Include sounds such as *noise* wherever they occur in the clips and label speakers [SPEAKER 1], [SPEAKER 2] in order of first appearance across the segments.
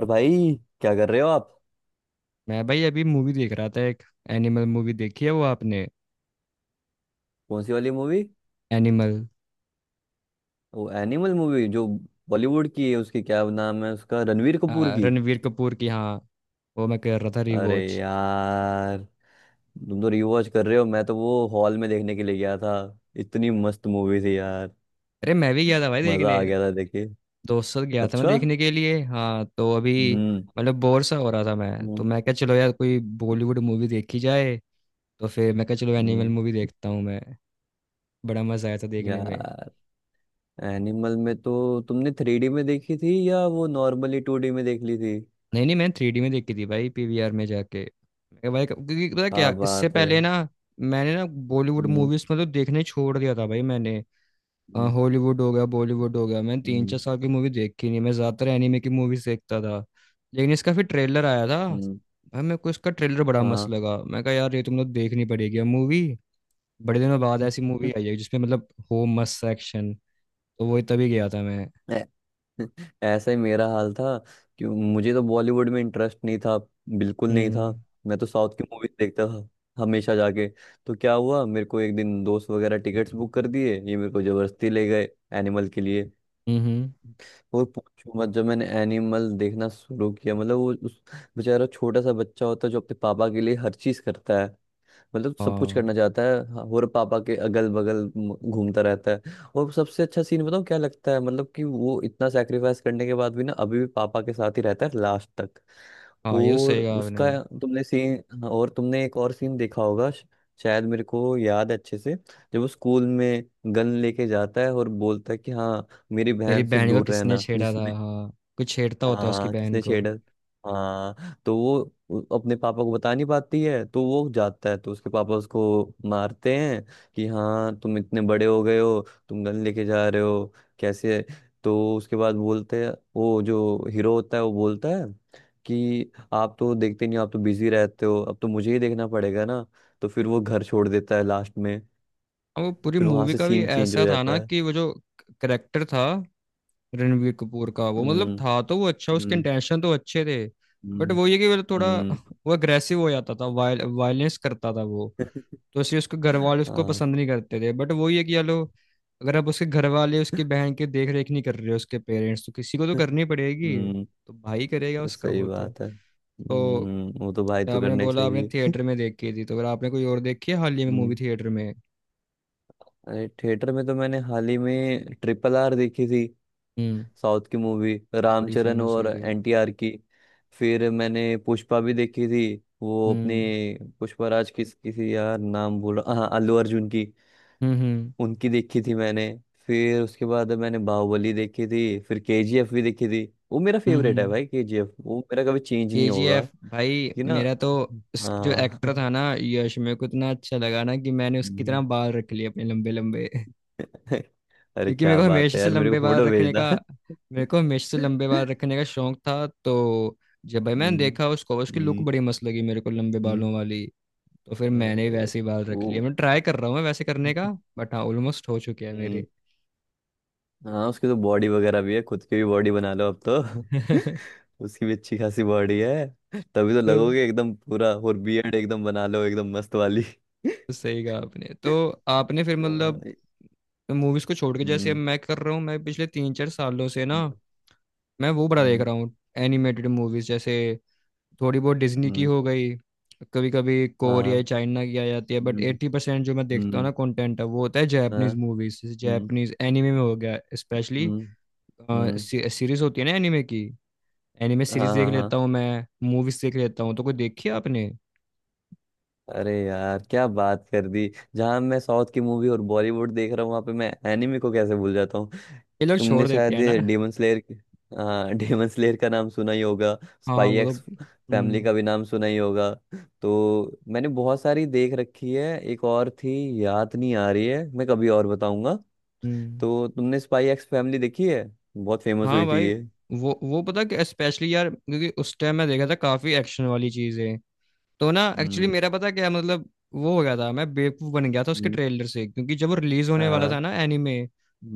[SPEAKER 1] और भाई, क्या कर रहे हो आप?
[SPEAKER 2] मैं भाई अभी मूवी देख रहा था एक। एनिमल मूवी देखी है वो आपने?
[SPEAKER 1] कौन सी वाली मूवी?
[SPEAKER 2] एनिमल,
[SPEAKER 1] वो एनिमल मूवी जो बॉलीवुड की है, उसकी क्या नाम है उसका, रणवीर कपूर की?
[SPEAKER 2] रणवीर कपूर की, हाँ। वो मैं कर रहा था
[SPEAKER 1] अरे
[SPEAKER 2] रिवॉच।
[SPEAKER 1] यार, तुम तो रिवॉच कर रहे हो, मैं तो वो हॉल में देखने के लिए गया था। इतनी मस्त मूवी थी यार।
[SPEAKER 2] अरे मैं भी गया था भाई
[SPEAKER 1] मजा
[SPEAKER 2] देखने,
[SPEAKER 1] आ गया था देखे।
[SPEAKER 2] दोस्तों साथ गया था मैं
[SPEAKER 1] अच्छा।
[SPEAKER 2] देखने के लिए। हाँ तो अभी
[SPEAKER 1] हम्म।
[SPEAKER 2] मतलब बोर सा हो रहा था, मैं तो
[SPEAKER 1] हम्म।
[SPEAKER 2] मैं क्या चलो यार कोई बॉलीवुड मूवी देखी जाए। तो फिर मैं क्या चलो एनिमल
[SPEAKER 1] हम्म।
[SPEAKER 2] मूवी देखता हूँ मैं। बड़ा मजा आया था देखने में।
[SPEAKER 1] यार, एनिमल में तो तुमने थ्री डी में देखी थी या वो नॉर्मली टू डी में देख ली थी?
[SPEAKER 2] नहीं नहीं, मैंने 3D में देखी थी भाई PVR में जाके। मैं कहा भाई क्योंकि पता
[SPEAKER 1] हाँ,
[SPEAKER 2] क्या, इससे
[SPEAKER 1] बात है।
[SPEAKER 2] पहले ना मैंने ना बॉलीवुड
[SPEAKER 1] हम्म।
[SPEAKER 2] मूवीज मतलब देखने छोड़ दिया था भाई मैंने। हाँ,
[SPEAKER 1] हम्म।
[SPEAKER 2] हॉलीवुड हो गया बॉलीवुड हो गया, मैंने तीन चार
[SPEAKER 1] हम्म।
[SPEAKER 2] साल की मूवी देखी नहीं। मैं ज्यादातर एनिमे की मूवीज देखता था। लेकिन इसका फिर ट्रेलर आया था
[SPEAKER 1] हम्म।
[SPEAKER 2] भाई, मेरे को इसका ट्रेलर बड़ा मस्त
[SPEAKER 1] हाँ।
[SPEAKER 2] लगा। मैं कहा यार ये तुम लोग देखनी पड़ेगी मूवी। बड़े दिनों बाद ऐसी मूवी आई
[SPEAKER 1] *laughs*
[SPEAKER 2] है जिसमें मतलब हो मस्त एक्शन। तो वही तभी गया था मैं।
[SPEAKER 1] ऐ- ऐसा ही मेरा हाल था कि मुझे तो बॉलीवुड में इंटरेस्ट नहीं था। बिल्कुल नहीं था।
[SPEAKER 2] हम्म।
[SPEAKER 1] मैं तो साउथ की मूवीज देखता था, हमेशा जाके। तो क्या हुआ, मेरे को एक दिन दोस्त वगैरह टिकट्स बुक कर दिए, ये मेरे को जबरदस्ती ले गए एनिमल के लिए।
[SPEAKER 2] हम्म। हम्म।
[SPEAKER 1] और पूछो मत, जब मैंने एनिमल देखना शुरू किया, मतलब वो उस बेचारा छोटा सा बच्चा होता है जो अपने पापा के लिए हर चीज करता है, मतलब सब कुछ करना
[SPEAKER 2] हाँ,
[SPEAKER 1] चाहता है। हाँ, और पापा के अगल बगल घूमता रहता है। और सबसे अच्छा सीन बताऊँ क्या लगता है, मतलब कि वो इतना सेक्रीफाइस करने के बाद भी ना, अभी भी पापा के साथ ही रहता है लास्ट तक।
[SPEAKER 2] हाँ ये तो
[SPEAKER 1] और
[SPEAKER 2] सही कहा आपने।
[SPEAKER 1] उसका, तुमने सीन, और तुमने एक और सीन देखा होगा शायद, मेरे को याद है अच्छे से, जब वो स्कूल में गन लेके जाता है और बोलता है कि हाँ, मेरी
[SPEAKER 2] मेरी
[SPEAKER 1] बहन से
[SPEAKER 2] बहन को
[SPEAKER 1] दूर
[SPEAKER 2] किसने
[SPEAKER 1] रहना
[SPEAKER 2] छेड़ा था,
[SPEAKER 1] जिसने।
[SPEAKER 2] हाँ। कुछ छेड़ता होता है उसकी
[SPEAKER 1] हाँ,
[SPEAKER 2] बहन
[SPEAKER 1] किसने
[SPEAKER 2] को।
[SPEAKER 1] छेड़ा? हाँ तो वो, अपने पापा को बता नहीं पाती है, तो वो जाता है तो उसके पापा उसको मारते हैं कि हाँ, तुम इतने बड़े हो गए हो, तुम गन लेके जा रहे हो कैसे? तो उसके बाद बोलते हैं, वो जो हीरो होता है वो बोलता है कि आप तो देखते नहीं हो, आप तो बिजी रहते हो, अब तो मुझे ही देखना पड़ेगा ना। तो फिर वो घर छोड़ देता है लास्ट में।
[SPEAKER 2] अब वो पूरी
[SPEAKER 1] फिर वहां
[SPEAKER 2] मूवी
[SPEAKER 1] से
[SPEAKER 2] का भी
[SPEAKER 1] सीन चेंज हो
[SPEAKER 2] ऐसा था ना
[SPEAKER 1] जाता है।
[SPEAKER 2] कि वो जो करेक्टर था रणवीर कपूर का, वो मतलब
[SPEAKER 1] हम्म।
[SPEAKER 2] था तो वो अच्छा, उसके
[SPEAKER 1] हम्म।
[SPEAKER 2] इंटेंशन तो अच्छे थे। बट
[SPEAKER 1] हम्म।
[SPEAKER 2] वो ये कि वो थोड़ा
[SPEAKER 1] हम्म।
[SPEAKER 2] *laughs* वो अग्रेसिव हो जाता था, वायलेंस करता था वो।
[SPEAKER 1] *laughs*
[SPEAKER 2] तो इसलिए उसके घर वाले उसको
[SPEAKER 1] हाँ।
[SPEAKER 2] पसंद नहीं करते थे। बट वो ये कि चलो, अगर अब उसके घर वाले उसकी बहन की देख रेख नहीं कर रहे उसके पेरेंट्स, तो किसी को तो करनी पड़ेगी,
[SPEAKER 1] हम्म।
[SPEAKER 2] तो भाई करेगा उसका
[SPEAKER 1] सही
[SPEAKER 2] वो तो।
[SPEAKER 1] बात है।
[SPEAKER 2] तो
[SPEAKER 1] वो तो भाई तो
[SPEAKER 2] आपने
[SPEAKER 1] करने
[SPEAKER 2] बोला आपने
[SPEAKER 1] चाहिए।
[SPEAKER 2] थिएटर में देखी थी, तो अगर आपने कोई और देखी है हाल ही में मूवी
[SPEAKER 1] हम्म,
[SPEAKER 2] थिएटर में?
[SPEAKER 1] अरे थिएटर में तो मैंने हाल ही में ट्रिपल आर देखी थी।
[SPEAKER 2] हम्म।
[SPEAKER 1] साउथ की मूवी,
[SPEAKER 2] बड़ी
[SPEAKER 1] रामचरण
[SPEAKER 2] फेमस
[SPEAKER 1] और
[SPEAKER 2] हुई थी।
[SPEAKER 1] एनटीआर की। फिर मैंने पुष्पा भी देखी थी। वो अपनी
[SPEAKER 2] हम्म।
[SPEAKER 1] पुष्पाराज की, किसी, यार नाम बोल रहा, हाँ अल्लू अर्जुन की।
[SPEAKER 2] हम्म। हम्म।
[SPEAKER 1] उनकी देखी थी मैंने। फिर उसके बाद मैंने बाहुबली देखी थी, फिर केजीएफ भी देखी थी। वो मेरा फेवरेट है
[SPEAKER 2] हम्म।
[SPEAKER 1] भाई, केजीएफ वो मेरा कभी चेंज नहीं होगा।
[SPEAKER 2] KGF भाई
[SPEAKER 1] कि ना।
[SPEAKER 2] मेरा तो। उस जो
[SPEAKER 1] हाँ।
[SPEAKER 2] एक्टर
[SPEAKER 1] *laughs*
[SPEAKER 2] था ना यश, मेरे को इतना अच्छा लगा ना कि मैंने उसकी तरह
[SPEAKER 1] हम्म।
[SPEAKER 2] बाल रख लिए अपने लंबे लंबे। *laughs*
[SPEAKER 1] *laughs* अरे
[SPEAKER 2] क्योंकि
[SPEAKER 1] क्या बात है यार, मेरे को फोटो भेजना। *laughs*
[SPEAKER 2] मेरे को हमेशा से लंबे बाल रखने का शौक था तो। जब भाई मैंने
[SPEAKER 1] हम्म।
[SPEAKER 2] देखा उसको, उसकी लुक
[SPEAKER 1] हम्म।
[SPEAKER 2] बड़ी मस्त लगी मेरे को लंबे
[SPEAKER 1] हम्म।
[SPEAKER 2] बालों वाली। तो फिर मैंने भी
[SPEAKER 1] अरे।
[SPEAKER 2] वैसे ही बाल रख
[SPEAKER 1] वो।
[SPEAKER 2] लिए, मैं ट्राई कर रहा हूँ वैसे करने का। बट हाँ ऑलमोस्ट हो चुके हैं
[SPEAKER 1] हम्म।
[SPEAKER 2] मेरे।
[SPEAKER 1] हाँ, उसकी तो बॉडी वगैरह भी है, खुद की भी बॉडी बना लो अब तो।
[SPEAKER 2] *laughs*
[SPEAKER 1] *laughs* उसकी भी अच्छी खासी बॉडी है, तभी तो
[SPEAKER 2] तो
[SPEAKER 1] लगोगे एकदम पूरा। और बियर्ड एकदम बना लो एकदम मस्त वाली। *laughs* हाँ।
[SPEAKER 2] सही कहा आपने। तो आपने फिर मतलब मूवीज को छोड़ के जैसे अब
[SPEAKER 1] हम्म।
[SPEAKER 2] मैं कर रहा हूँ, मैं पिछले 3-4 सालों से ना, मैं वो बड़ा देख
[SPEAKER 1] हम्म।
[SPEAKER 2] रहा हूँ एनिमेटेड मूवीज जैसे। थोड़ी बहुत डिज्नी की
[SPEAKER 1] हम्म।
[SPEAKER 2] हो गई, कभी कभी कोरिया
[SPEAKER 1] हाँ।
[SPEAKER 2] चाइना की आ जाती है। बट
[SPEAKER 1] हम्म।
[SPEAKER 2] 80% जो मैं देखता हूँ
[SPEAKER 1] हम्म।
[SPEAKER 2] ना कंटेंट है, वो होता है
[SPEAKER 1] हाँ।
[SPEAKER 2] जापानीज मूवीज, जैसे
[SPEAKER 1] हम्म।
[SPEAKER 2] जापानीज एनिमे में हो गया स्पेशली।
[SPEAKER 1] हम्म। हम्म।
[SPEAKER 2] सीरीज होती है ना एनिमे की। एनिमे
[SPEAKER 1] हाँ।
[SPEAKER 2] सीरीज देख
[SPEAKER 1] हाँ। हाँ।
[SPEAKER 2] लेता हूँ मैं, मूवीज देख लेता हूँ। तो कोई देखी है आपने?
[SPEAKER 1] अरे यार, क्या बात कर दी। जहां मैं साउथ की मूवी और बॉलीवुड देख रहा हूँ, वहां पे मैं एनिमे को कैसे भूल जाता हूँ?
[SPEAKER 2] ये लोग
[SPEAKER 1] तुमने
[SPEAKER 2] छोड़ देते
[SPEAKER 1] शायद
[SPEAKER 2] हैं ना।
[SPEAKER 1] Daemon slayer. हाँ। *laughs* डेमन स्लेयर का नाम सुना ही होगा।
[SPEAKER 2] हाँ, हाँ
[SPEAKER 1] स्पाई
[SPEAKER 2] वो तो।
[SPEAKER 1] एक्स फैमिली
[SPEAKER 2] हम्म।
[SPEAKER 1] का भी नाम सुना ही होगा। तो मैंने बहुत सारी देख रखी है, एक और थी, याद नहीं आ रही है, मैं कभी और बताऊंगा।
[SPEAKER 2] हम्म।
[SPEAKER 1] तो तुमने स्पाई एक्स फैमिली देखी है? बहुत फेमस
[SPEAKER 2] हाँ
[SPEAKER 1] हुई थी
[SPEAKER 2] भाई,
[SPEAKER 1] ये।
[SPEAKER 2] वो पता कि स्पेशली यार, क्योंकि उस टाइम मैं देखा था काफी एक्शन वाली चीजें। तो ना एक्चुअली
[SPEAKER 1] हम्म।
[SPEAKER 2] मेरा पता क्या मतलब वो हो गया था, मैं बेवकूफ़ बन गया था उसके
[SPEAKER 1] हम्म।
[SPEAKER 2] ट्रेलर से, क्योंकि जब वो रिलीज होने वाला
[SPEAKER 1] हाँ।
[SPEAKER 2] था ना एनीमे।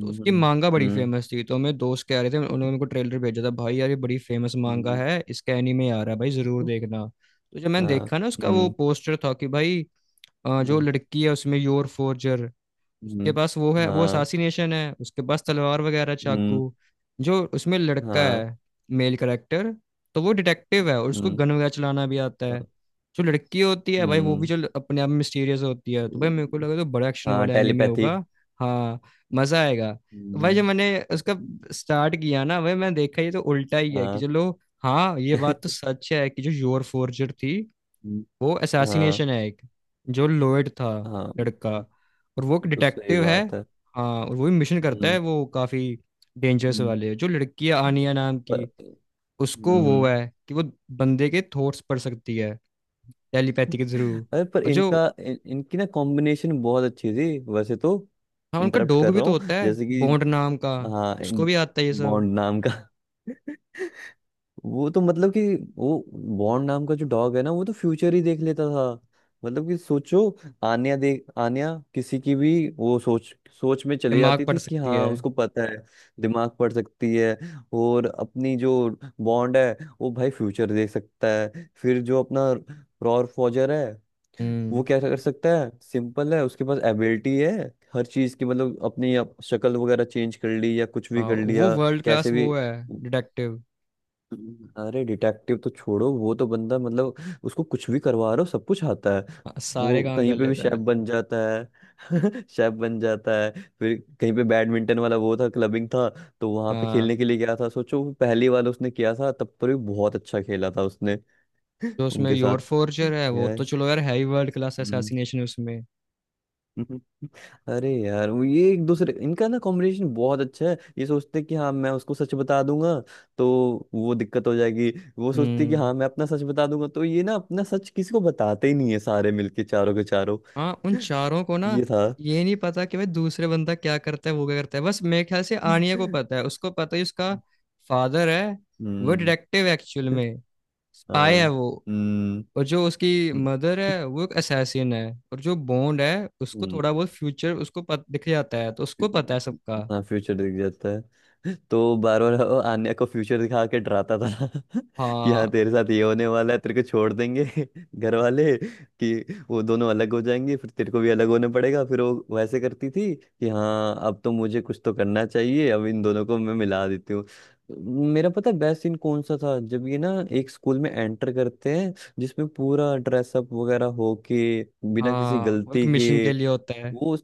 [SPEAKER 2] तो उसकी
[SPEAKER 1] हम्म।
[SPEAKER 2] मांगा बड़ी
[SPEAKER 1] हम्म।
[SPEAKER 2] फेमस थी, तो मेरे दोस्त कह रहे थे, उन्होंने मेरे को ट्रेलर भेजा था, भाई यार ये बड़ी फेमस मांगा है,
[SPEAKER 1] *laughs*
[SPEAKER 2] इसका एनीमे आ रहा है भाई, ज़रूर
[SPEAKER 1] हम्म।
[SPEAKER 2] देखना। तो जब मैंने
[SPEAKER 1] हाँ।
[SPEAKER 2] देखा ना उसका वो
[SPEAKER 1] हम्म।
[SPEAKER 2] पोस्टर था कि भाई, जो लड़की है उसमें योर फोर्जर, उसके
[SPEAKER 1] हम्म।
[SPEAKER 2] पास वो है, वो
[SPEAKER 1] हाँ।
[SPEAKER 2] असासिनेशन है, उसके पास तलवार वगैरह
[SPEAKER 1] हम्म।
[SPEAKER 2] चाकू। जो उसमें लड़का
[SPEAKER 1] हाँ।
[SPEAKER 2] है, मेल करेक्टर, तो वो डिटेक्टिव है और उसको
[SPEAKER 1] हम्म।
[SPEAKER 2] गन वगैरह चलाना भी आता है।
[SPEAKER 1] हाँ।
[SPEAKER 2] जो लड़की होती है भाई, वो भी
[SPEAKER 1] हम्म।
[SPEAKER 2] जो अपने आप में मिस्टीरियस होती है। तो भाई मेरे को लगा तो बड़ा एक्शन
[SPEAKER 1] हाँ
[SPEAKER 2] वाला एनिमे
[SPEAKER 1] टेलीपैथी।
[SPEAKER 2] होगा, हाँ, मजा आएगा। तो भाई जब
[SPEAKER 1] हम्म।
[SPEAKER 2] मैंने उसका स्टार्ट किया ना भाई, मैंने देखा ये तो उल्टा ही है कि
[SPEAKER 1] हाँ।
[SPEAKER 2] चलो। हाँ ये
[SPEAKER 1] *laughs*
[SPEAKER 2] बात तो सच है कि जो योर फोर्जर थी
[SPEAKER 1] हम्म।
[SPEAKER 2] वो
[SPEAKER 1] हाँ।
[SPEAKER 2] असैसिनेशन है एक, जो लोएड था
[SPEAKER 1] हाँ।
[SPEAKER 2] लड़का
[SPEAKER 1] *laughs*
[SPEAKER 2] और वो एक
[SPEAKER 1] वो तो सही
[SPEAKER 2] डिटेक्टिव है।
[SPEAKER 1] बात है।
[SPEAKER 2] हाँ और वो भी मिशन करता है
[SPEAKER 1] हम्म।
[SPEAKER 2] वो काफी डेंजरस
[SPEAKER 1] हम्म।
[SPEAKER 2] वाले। जो लड़की है आनिया नाम
[SPEAKER 1] पर।
[SPEAKER 2] की, उसको वो
[SPEAKER 1] हम्म।
[SPEAKER 2] है कि वो बंदे के थॉट्स पढ़ सकती है टेलीपैथी के थ्रू।
[SPEAKER 1] अरे पर
[SPEAKER 2] और जो,
[SPEAKER 1] इनका इनकी ना कॉम्बिनेशन बहुत अच्छी थी वैसे तो।
[SPEAKER 2] हाँ, उनका
[SPEAKER 1] इंटरप्ट
[SPEAKER 2] डॉग
[SPEAKER 1] कर
[SPEAKER 2] भी
[SPEAKER 1] रहा
[SPEAKER 2] तो
[SPEAKER 1] हूँ
[SPEAKER 2] होता है
[SPEAKER 1] जैसे कि।
[SPEAKER 2] बॉन्ड नाम का,
[SPEAKER 1] हाँ।
[SPEAKER 2] उसको भी आता है ये सब,
[SPEAKER 1] बॉन्ड नाम का। *laughs* वो तो मतलब कि, वो बॉन्ड नाम का जो डॉग है ना, वो तो फ्यूचर ही देख लेता था। मतलब कि सोचो, आन्या किसी की भी वो सोच, सोच में चली
[SPEAKER 2] दिमाग
[SPEAKER 1] जाती
[SPEAKER 2] पढ़
[SPEAKER 1] थी कि
[SPEAKER 2] सकती
[SPEAKER 1] हाँ,
[SPEAKER 2] है।
[SPEAKER 1] उसको पता है। दिमाग पढ़ सकती है। और अपनी जो बॉन्ड है, वो भाई फ्यूचर देख सकता है। फिर जो अपना रॉर फॉजर है,
[SPEAKER 2] हम्म।
[SPEAKER 1] वो क्या कर सकता है? सिंपल है, उसके पास एबिलिटी है हर चीज की, मतलब अपनी शक्ल वगैरह चेंज कर ली या कुछ भी
[SPEAKER 2] हाँ
[SPEAKER 1] कर
[SPEAKER 2] वो
[SPEAKER 1] लिया,
[SPEAKER 2] वर्ल्ड क्लास
[SPEAKER 1] कैसे भी।
[SPEAKER 2] वो है, डिटेक्टिव,
[SPEAKER 1] अरे डिटेक्टिव तो छोड़ो, वो तो बंदा मतलब, उसको कुछ भी करवा रहे हो सब कुछ आता है।
[SPEAKER 2] सारे
[SPEAKER 1] वो
[SPEAKER 2] काम
[SPEAKER 1] कहीं
[SPEAKER 2] कर
[SPEAKER 1] पे भी
[SPEAKER 2] लेता
[SPEAKER 1] शेफ
[SPEAKER 2] है।
[SPEAKER 1] बन जाता है। *laughs* शेफ बन जाता है। फिर कहीं पे बैडमिंटन वाला वो था, क्लबिंग था, तो वहां पे
[SPEAKER 2] हाँ
[SPEAKER 1] खेलने के लिए गया था। सोचो, वो पहली बार उसने किया था तब पर भी बहुत अच्छा खेला था उसने।
[SPEAKER 2] जो
[SPEAKER 1] *laughs*
[SPEAKER 2] उसमें
[SPEAKER 1] उनके साथ।
[SPEAKER 2] योर फोर्जर है, वो तो
[SPEAKER 1] यार।
[SPEAKER 2] चलो यार है ही वर्ल्ड क्लास
[SPEAKER 1] हम्म।
[SPEAKER 2] असैसिनेशन उसमें।
[SPEAKER 1] *laughs* अरे यार, वो ये एक दूसरे इनका ना कॉम्बिनेशन बहुत अच्छा है। ये सोचते हैं कि हाँ मैं उसको सच बता दूंगा तो वो दिक्कत हो जाएगी। वो सोचते हैं कि
[SPEAKER 2] हम्म।
[SPEAKER 1] हाँ मैं अपना सच बता दूंगा, तो ये ना अपना सच किसी को बताते ही नहीं है, सारे मिलके चारों के चारों।
[SPEAKER 2] हाँ उन
[SPEAKER 1] *laughs*
[SPEAKER 2] चारों को ना
[SPEAKER 1] ये था।
[SPEAKER 2] ये नहीं पता कि भाई दूसरे बंदा क्या करता है वो क्या करता है। बस मेरे ख्याल से आनिया को पता है, उसको पता है उसका फादर है, वो
[SPEAKER 1] हम्म।
[SPEAKER 2] डिटेक्टिव एक्चुअल में स्पाई है
[SPEAKER 1] हाँ,
[SPEAKER 2] वो।
[SPEAKER 1] हम्म।
[SPEAKER 2] और जो उसकी मदर है वो एक असैसिन है। और जो बॉन्ड है, उसको
[SPEAKER 1] हम्म,
[SPEAKER 2] थोड़ा बहुत फ्यूचर उसको दिख जाता है, तो उसको पता है सबका।
[SPEAKER 1] हाँ फ्यूचर दिख जाता है। *laughs* तो बार बार वो आन्या को फ्यूचर दिखा के डराता था। *laughs* कि
[SPEAKER 2] हाँ,
[SPEAKER 1] हाँ तेरे साथ ये होने वाला है, तेरे को छोड़ देंगे *laughs* घर वाले, कि वो दोनों अलग हो जाएंगे, फिर तेरे को भी अलग होने पड़ेगा। फिर वो वैसे करती थी कि हाँ, अब तो मुझे कुछ तो करना चाहिए, अब इन दोनों को मैं मिला देती हूँ। मेरा पता है बेस्ट सीन कौन सा था, जब ये ना एक स्कूल में एंटर करते हैं जिसमें पूरा ड्रेसअप वगैरह हो के, बिना किसी
[SPEAKER 2] हाँ वो एक
[SPEAKER 1] गलती के।
[SPEAKER 2] मिशन के लिए होता है।
[SPEAKER 1] वो।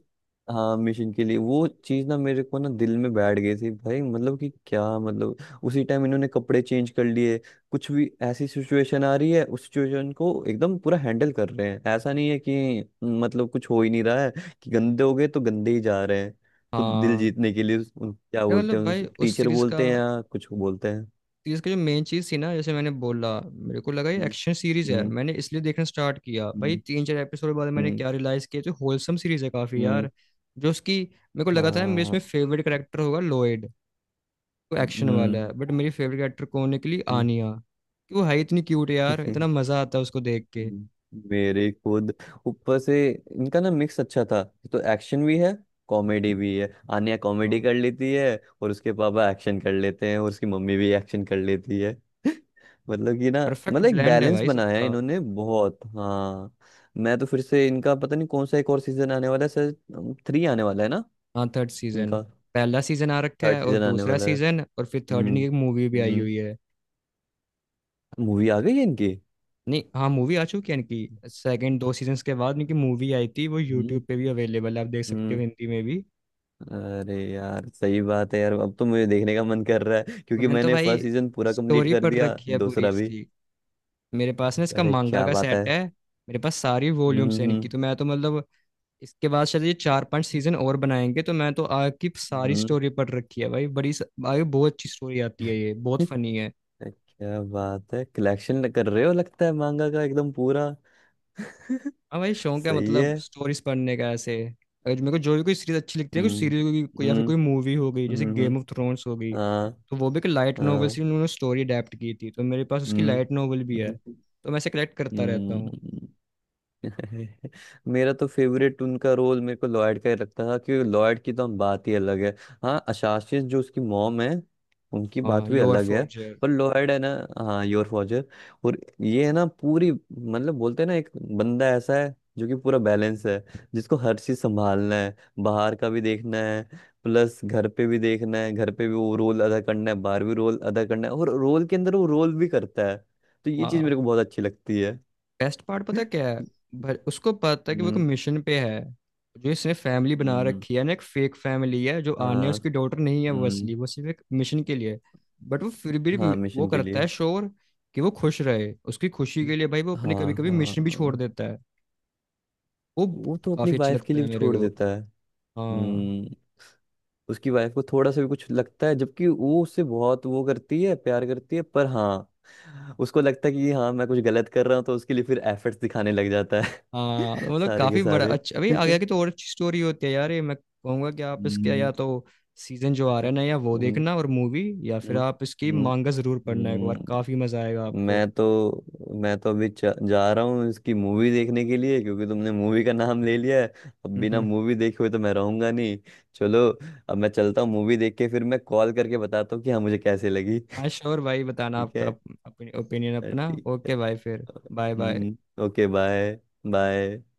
[SPEAKER 1] हाँ मिशन के लिए, वो चीज ना मेरे को ना दिल में बैठ गई थी भाई, मतलब कि क्या मतलब, उसी टाइम इन्होंने कपड़े चेंज कर लिए। कुछ भी ऐसी सिचुएशन आ रही है, उस सिचुएशन को एकदम पूरा हैंडल कर रहे हैं। ऐसा नहीं है कि मतलब कुछ हो ही नहीं रहा है, कि गंदे हो गए तो गंदे ही जा रहे हैं। तो दिल
[SPEAKER 2] हाँ
[SPEAKER 1] जीतने के लिए क्या
[SPEAKER 2] ये
[SPEAKER 1] बोलते
[SPEAKER 2] मतलब
[SPEAKER 1] हैं उन,
[SPEAKER 2] भाई उस
[SPEAKER 1] टीचर
[SPEAKER 2] सीरीज का,
[SPEAKER 1] बोलते हैं या कुछ बोलते हैं।
[SPEAKER 2] इसका जो मेन चीज थी ना, जैसे मैंने बोला मेरे को लगा ये
[SPEAKER 1] हम्म।
[SPEAKER 2] एक्शन सीरीज है,
[SPEAKER 1] हम्म।
[SPEAKER 2] मैंने इसलिए देखना स्टार्ट किया भाई।
[SPEAKER 1] हम्म।
[SPEAKER 2] 3-4 एपिसोड के बाद मैंने
[SPEAKER 1] हम्म।
[SPEAKER 2] क्या रियलाइज किया तो होलसम सीरीज है काफी
[SPEAKER 1] हम्म।
[SPEAKER 2] यार। जो उसकी, मेरे को लगा था मेरे
[SPEAKER 1] हाँ।
[SPEAKER 2] इसमें फेवरेट करेक्टर होगा लॉयड, वो
[SPEAKER 1] हम्म।
[SPEAKER 2] एक्शन वाला
[SPEAKER 1] हम्म।
[SPEAKER 2] है। बट मेरी फेवरेट करेक्टर कौन निकली,
[SPEAKER 1] हम्म।
[SPEAKER 2] आनिया। कि वो है इतनी क्यूट यार, इतना
[SPEAKER 1] *laughs*
[SPEAKER 2] मजा आता है उसको देख के।
[SPEAKER 1] हम्म। मेरे खुद, ऊपर से इनका ना मिक्स अच्छा था। तो एक्शन भी है, कॉमेडी भी है। आन्या कॉमेडी
[SPEAKER 2] हाँ
[SPEAKER 1] कर लेती है, और उसके पापा एक्शन कर लेते हैं, और उसकी मम्मी भी एक्शन कर लेती है। *laughs* मतलब कि ना,
[SPEAKER 2] परफेक्ट
[SPEAKER 1] मतलब एक
[SPEAKER 2] ब्लेंड है
[SPEAKER 1] बैलेंस
[SPEAKER 2] भाई
[SPEAKER 1] बनाया है
[SPEAKER 2] सबका।
[SPEAKER 1] इन्होंने बहुत। हाँ मैं तो फिर से इनका पता नहीं कौन सा एक और सीजन आने वाला है सर, थ्री आने वाला है ना
[SPEAKER 2] हाँ थर्ड सीजन।
[SPEAKER 1] इनका?
[SPEAKER 2] पहला सीजन आ रखा
[SPEAKER 1] थर्ड
[SPEAKER 2] है और
[SPEAKER 1] सीजन आने
[SPEAKER 2] दूसरा
[SPEAKER 1] वाला है।
[SPEAKER 2] सीजन, और फिर थर्ड
[SPEAKER 1] हम्म।
[SPEAKER 2] की एक मूवी भी आई
[SPEAKER 1] हम्म।
[SPEAKER 2] हुई है।
[SPEAKER 1] मूवी आ गई है इनकी।
[SPEAKER 2] नहीं, हाँ मूवी आ चुकी है इनकी। सेकंड 2 सीजन्स के बाद इनकी मूवी आई थी, वो
[SPEAKER 1] हम्म।
[SPEAKER 2] यूट्यूब पे भी अवेलेबल है, आप देख सकते हो
[SPEAKER 1] हम्म।
[SPEAKER 2] हिंदी में भी।
[SPEAKER 1] अरे यार, सही बात है यार, अब तो मुझे देखने का मन कर रहा है क्योंकि
[SPEAKER 2] मैंने तो
[SPEAKER 1] मैंने
[SPEAKER 2] भाई
[SPEAKER 1] फर्स्ट सीजन पूरा कंप्लीट
[SPEAKER 2] स्टोरी
[SPEAKER 1] कर
[SPEAKER 2] पढ़
[SPEAKER 1] दिया,
[SPEAKER 2] रखी है पूरी
[SPEAKER 1] दूसरा भी।
[SPEAKER 2] इसकी। मेरे पास ना इसका
[SPEAKER 1] अरे
[SPEAKER 2] मांगा
[SPEAKER 1] क्या
[SPEAKER 2] का
[SPEAKER 1] बात है।
[SPEAKER 2] सेट है, मेरे पास सारी
[SPEAKER 1] हम्म।
[SPEAKER 2] वॉल्यूम्स है इनकी।
[SPEAKER 1] हम्म।
[SPEAKER 2] तो मैं तो मतलब, इसके बाद शायद ये 4-5 सीजन और बनाएंगे, तो मैं तो आगे की सारी
[SPEAKER 1] हम्म।
[SPEAKER 2] स्टोरी पढ़ रखी है भाई। आगे बहुत अच्छी स्टोरी आती है, ये बहुत
[SPEAKER 1] *laughs*
[SPEAKER 2] फनी है।
[SPEAKER 1] क्या बात है, कलेक्शन कर रहे हो लगता है मांगा का एकदम पूरा। *laughs*
[SPEAKER 2] हाँ भाई, शौक है
[SPEAKER 1] सही है।
[SPEAKER 2] मतलब स्टोरीज पढ़ने का ऐसे। अगर मेरे को जो भी कोई सीरीज अच्छी लगती है, कोई
[SPEAKER 1] हम्म।
[SPEAKER 2] सीरीज कोई, या फिर
[SPEAKER 1] हम्म।
[SPEAKER 2] कोई मूवी हो गई, जैसे
[SPEAKER 1] हम्म।
[SPEAKER 2] गेम
[SPEAKER 1] हम्म।
[SPEAKER 2] ऑफ थ्रोन्स हो गई,
[SPEAKER 1] हाँ।
[SPEAKER 2] तो वो भी एक लाइट नोवेल से
[SPEAKER 1] हाँ।
[SPEAKER 2] उन्होंने स्टोरी अडेप्ट की थी, तो मेरे पास उसकी
[SPEAKER 1] हम्म।
[SPEAKER 2] लाइट नोवेल भी है,
[SPEAKER 1] हम्म।
[SPEAKER 2] तो मैं ऐसे कलेक्ट करता रहता हूँ।
[SPEAKER 1] हम्म। *laughs* मेरा तो फेवरेट उनका रोल मेरे को लॉयड का ही लगता था, क्योंकि लॉयड की तो हम बात ही अलग है। हाँ अशासिस जो उसकी मॉम है, उनकी
[SPEAKER 2] हाँ
[SPEAKER 1] बात भी
[SPEAKER 2] योर
[SPEAKER 1] अलग है।
[SPEAKER 2] फोर्जर।
[SPEAKER 1] पर लॉयड है ना। हाँ योर फॉजर। और ये है ना पूरी, मतलब बोलते हैं ना, एक बंदा ऐसा है जो कि पूरा बैलेंस है, जिसको हर चीज संभालना है, बाहर का भी देखना है, प्लस घर पे भी देखना है, घर पे भी वो रोल अदा करना है, बाहर भी रोल अदा करना है, और रोल के अंदर वो रोल भी करता है। तो ये चीज मेरे को बहुत अच्छी लगती है।
[SPEAKER 2] बेस्ट पार्ट पता है क्या है भाई?
[SPEAKER 1] *laughs*
[SPEAKER 2] उसको पता है कि वो एक
[SPEAKER 1] हम्म।
[SPEAKER 2] मिशन पे है, जो इसने फैमिली बना
[SPEAKER 1] हम्म।
[SPEAKER 2] रखी है ना, एक फेक फैमिली है, जो आन्या
[SPEAKER 1] हाँ।
[SPEAKER 2] उसकी डॉटर नहीं है वो
[SPEAKER 1] हम्म।
[SPEAKER 2] असली, वो सिर्फ एक मिशन के लिए। बट वो फिर भी
[SPEAKER 1] हाँ
[SPEAKER 2] वो
[SPEAKER 1] मिशन के
[SPEAKER 2] करता
[SPEAKER 1] लिए।
[SPEAKER 2] है श्योर कि वो खुश रहे, उसकी खुशी
[SPEAKER 1] हम्म।
[SPEAKER 2] के लिए भाई वो अपने कभी
[SPEAKER 1] हाँ।
[SPEAKER 2] कभी मिशन भी छोड़
[SPEAKER 1] हाँ,
[SPEAKER 2] देता है, वो
[SPEAKER 1] वो तो अपनी
[SPEAKER 2] काफी अच्छा
[SPEAKER 1] वाइफ के
[SPEAKER 2] लगता
[SPEAKER 1] लिए
[SPEAKER 2] है
[SPEAKER 1] भी
[SPEAKER 2] मेरे
[SPEAKER 1] छोड़
[SPEAKER 2] को।
[SPEAKER 1] देता है।
[SPEAKER 2] हाँ,
[SPEAKER 1] हम्म। उसकी वाइफ को थोड़ा सा भी कुछ लगता है जबकि वो उससे बहुत वो करती है, प्यार करती है, पर हाँ उसको लगता है कि हाँ मैं कुछ गलत कर रहा हूँ, तो उसके लिए फिर एफर्ट्स दिखाने लग जाता है।
[SPEAKER 2] हाँ तो
[SPEAKER 1] *laughs*
[SPEAKER 2] मतलब
[SPEAKER 1] सारे के
[SPEAKER 2] काफी बड़ा
[SPEAKER 1] सारे।
[SPEAKER 2] अच्छा, अभी आगे
[SPEAKER 1] *laughs*
[SPEAKER 2] आगे तो और अच्छी स्टोरी होती है यार ये। मैं कहूंगा कि आप इसके या
[SPEAKER 1] हम्म।
[SPEAKER 2] तो सीजन जो आ रहा है ना या वो
[SPEAKER 1] हम्म।
[SPEAKER 2] देखना और मूवी, या फिर
[SPEAKER 1] हम्म।
[SPEAKER 2] आप इसकी
[SPEAKER 1] हम्म।
[SPEAKER 2] मांगा जरूर पढ़ना एक बार,
[SPEAKER 1] हम्म।
[SPEAKER 2] काफी मजा आएगा आपको।
[SPEAKER 1] मैं तो मैं तो अभी जा रहा हूँ इसकी मूवी देखने के लिए, क्योंकि तुमने मूवी का नाम ले लिया है। अब
[SPEAKER 2] हम्म,
[SPEAKER 1] बिना
[SPEAKER 2] हम्म।
[SPEAKER 1] मूवी देखे हुए तो मैं रहूंगा नहीं। चलो, अब मैं चलता हूँ, मूवी देख के फिर मैं कॉल करके बताता हूँ कि हाँ मुझे कैसे लगी। *laughs*
[SPEAKER 2] हाँ श्योर भाई, बताना
[SPEAKER 1] ठीक
[SPEAKER 2] आपका
[SPEAKER 1] है।
[SPEAKER 2] ओपिनियन अपना।
[SPEAKER 1] ठीक।
[SPEAKER 2] ओके भाई फिर, बाय बाय।
[SPEAKER 1] हम्म। Okay bye. बाय।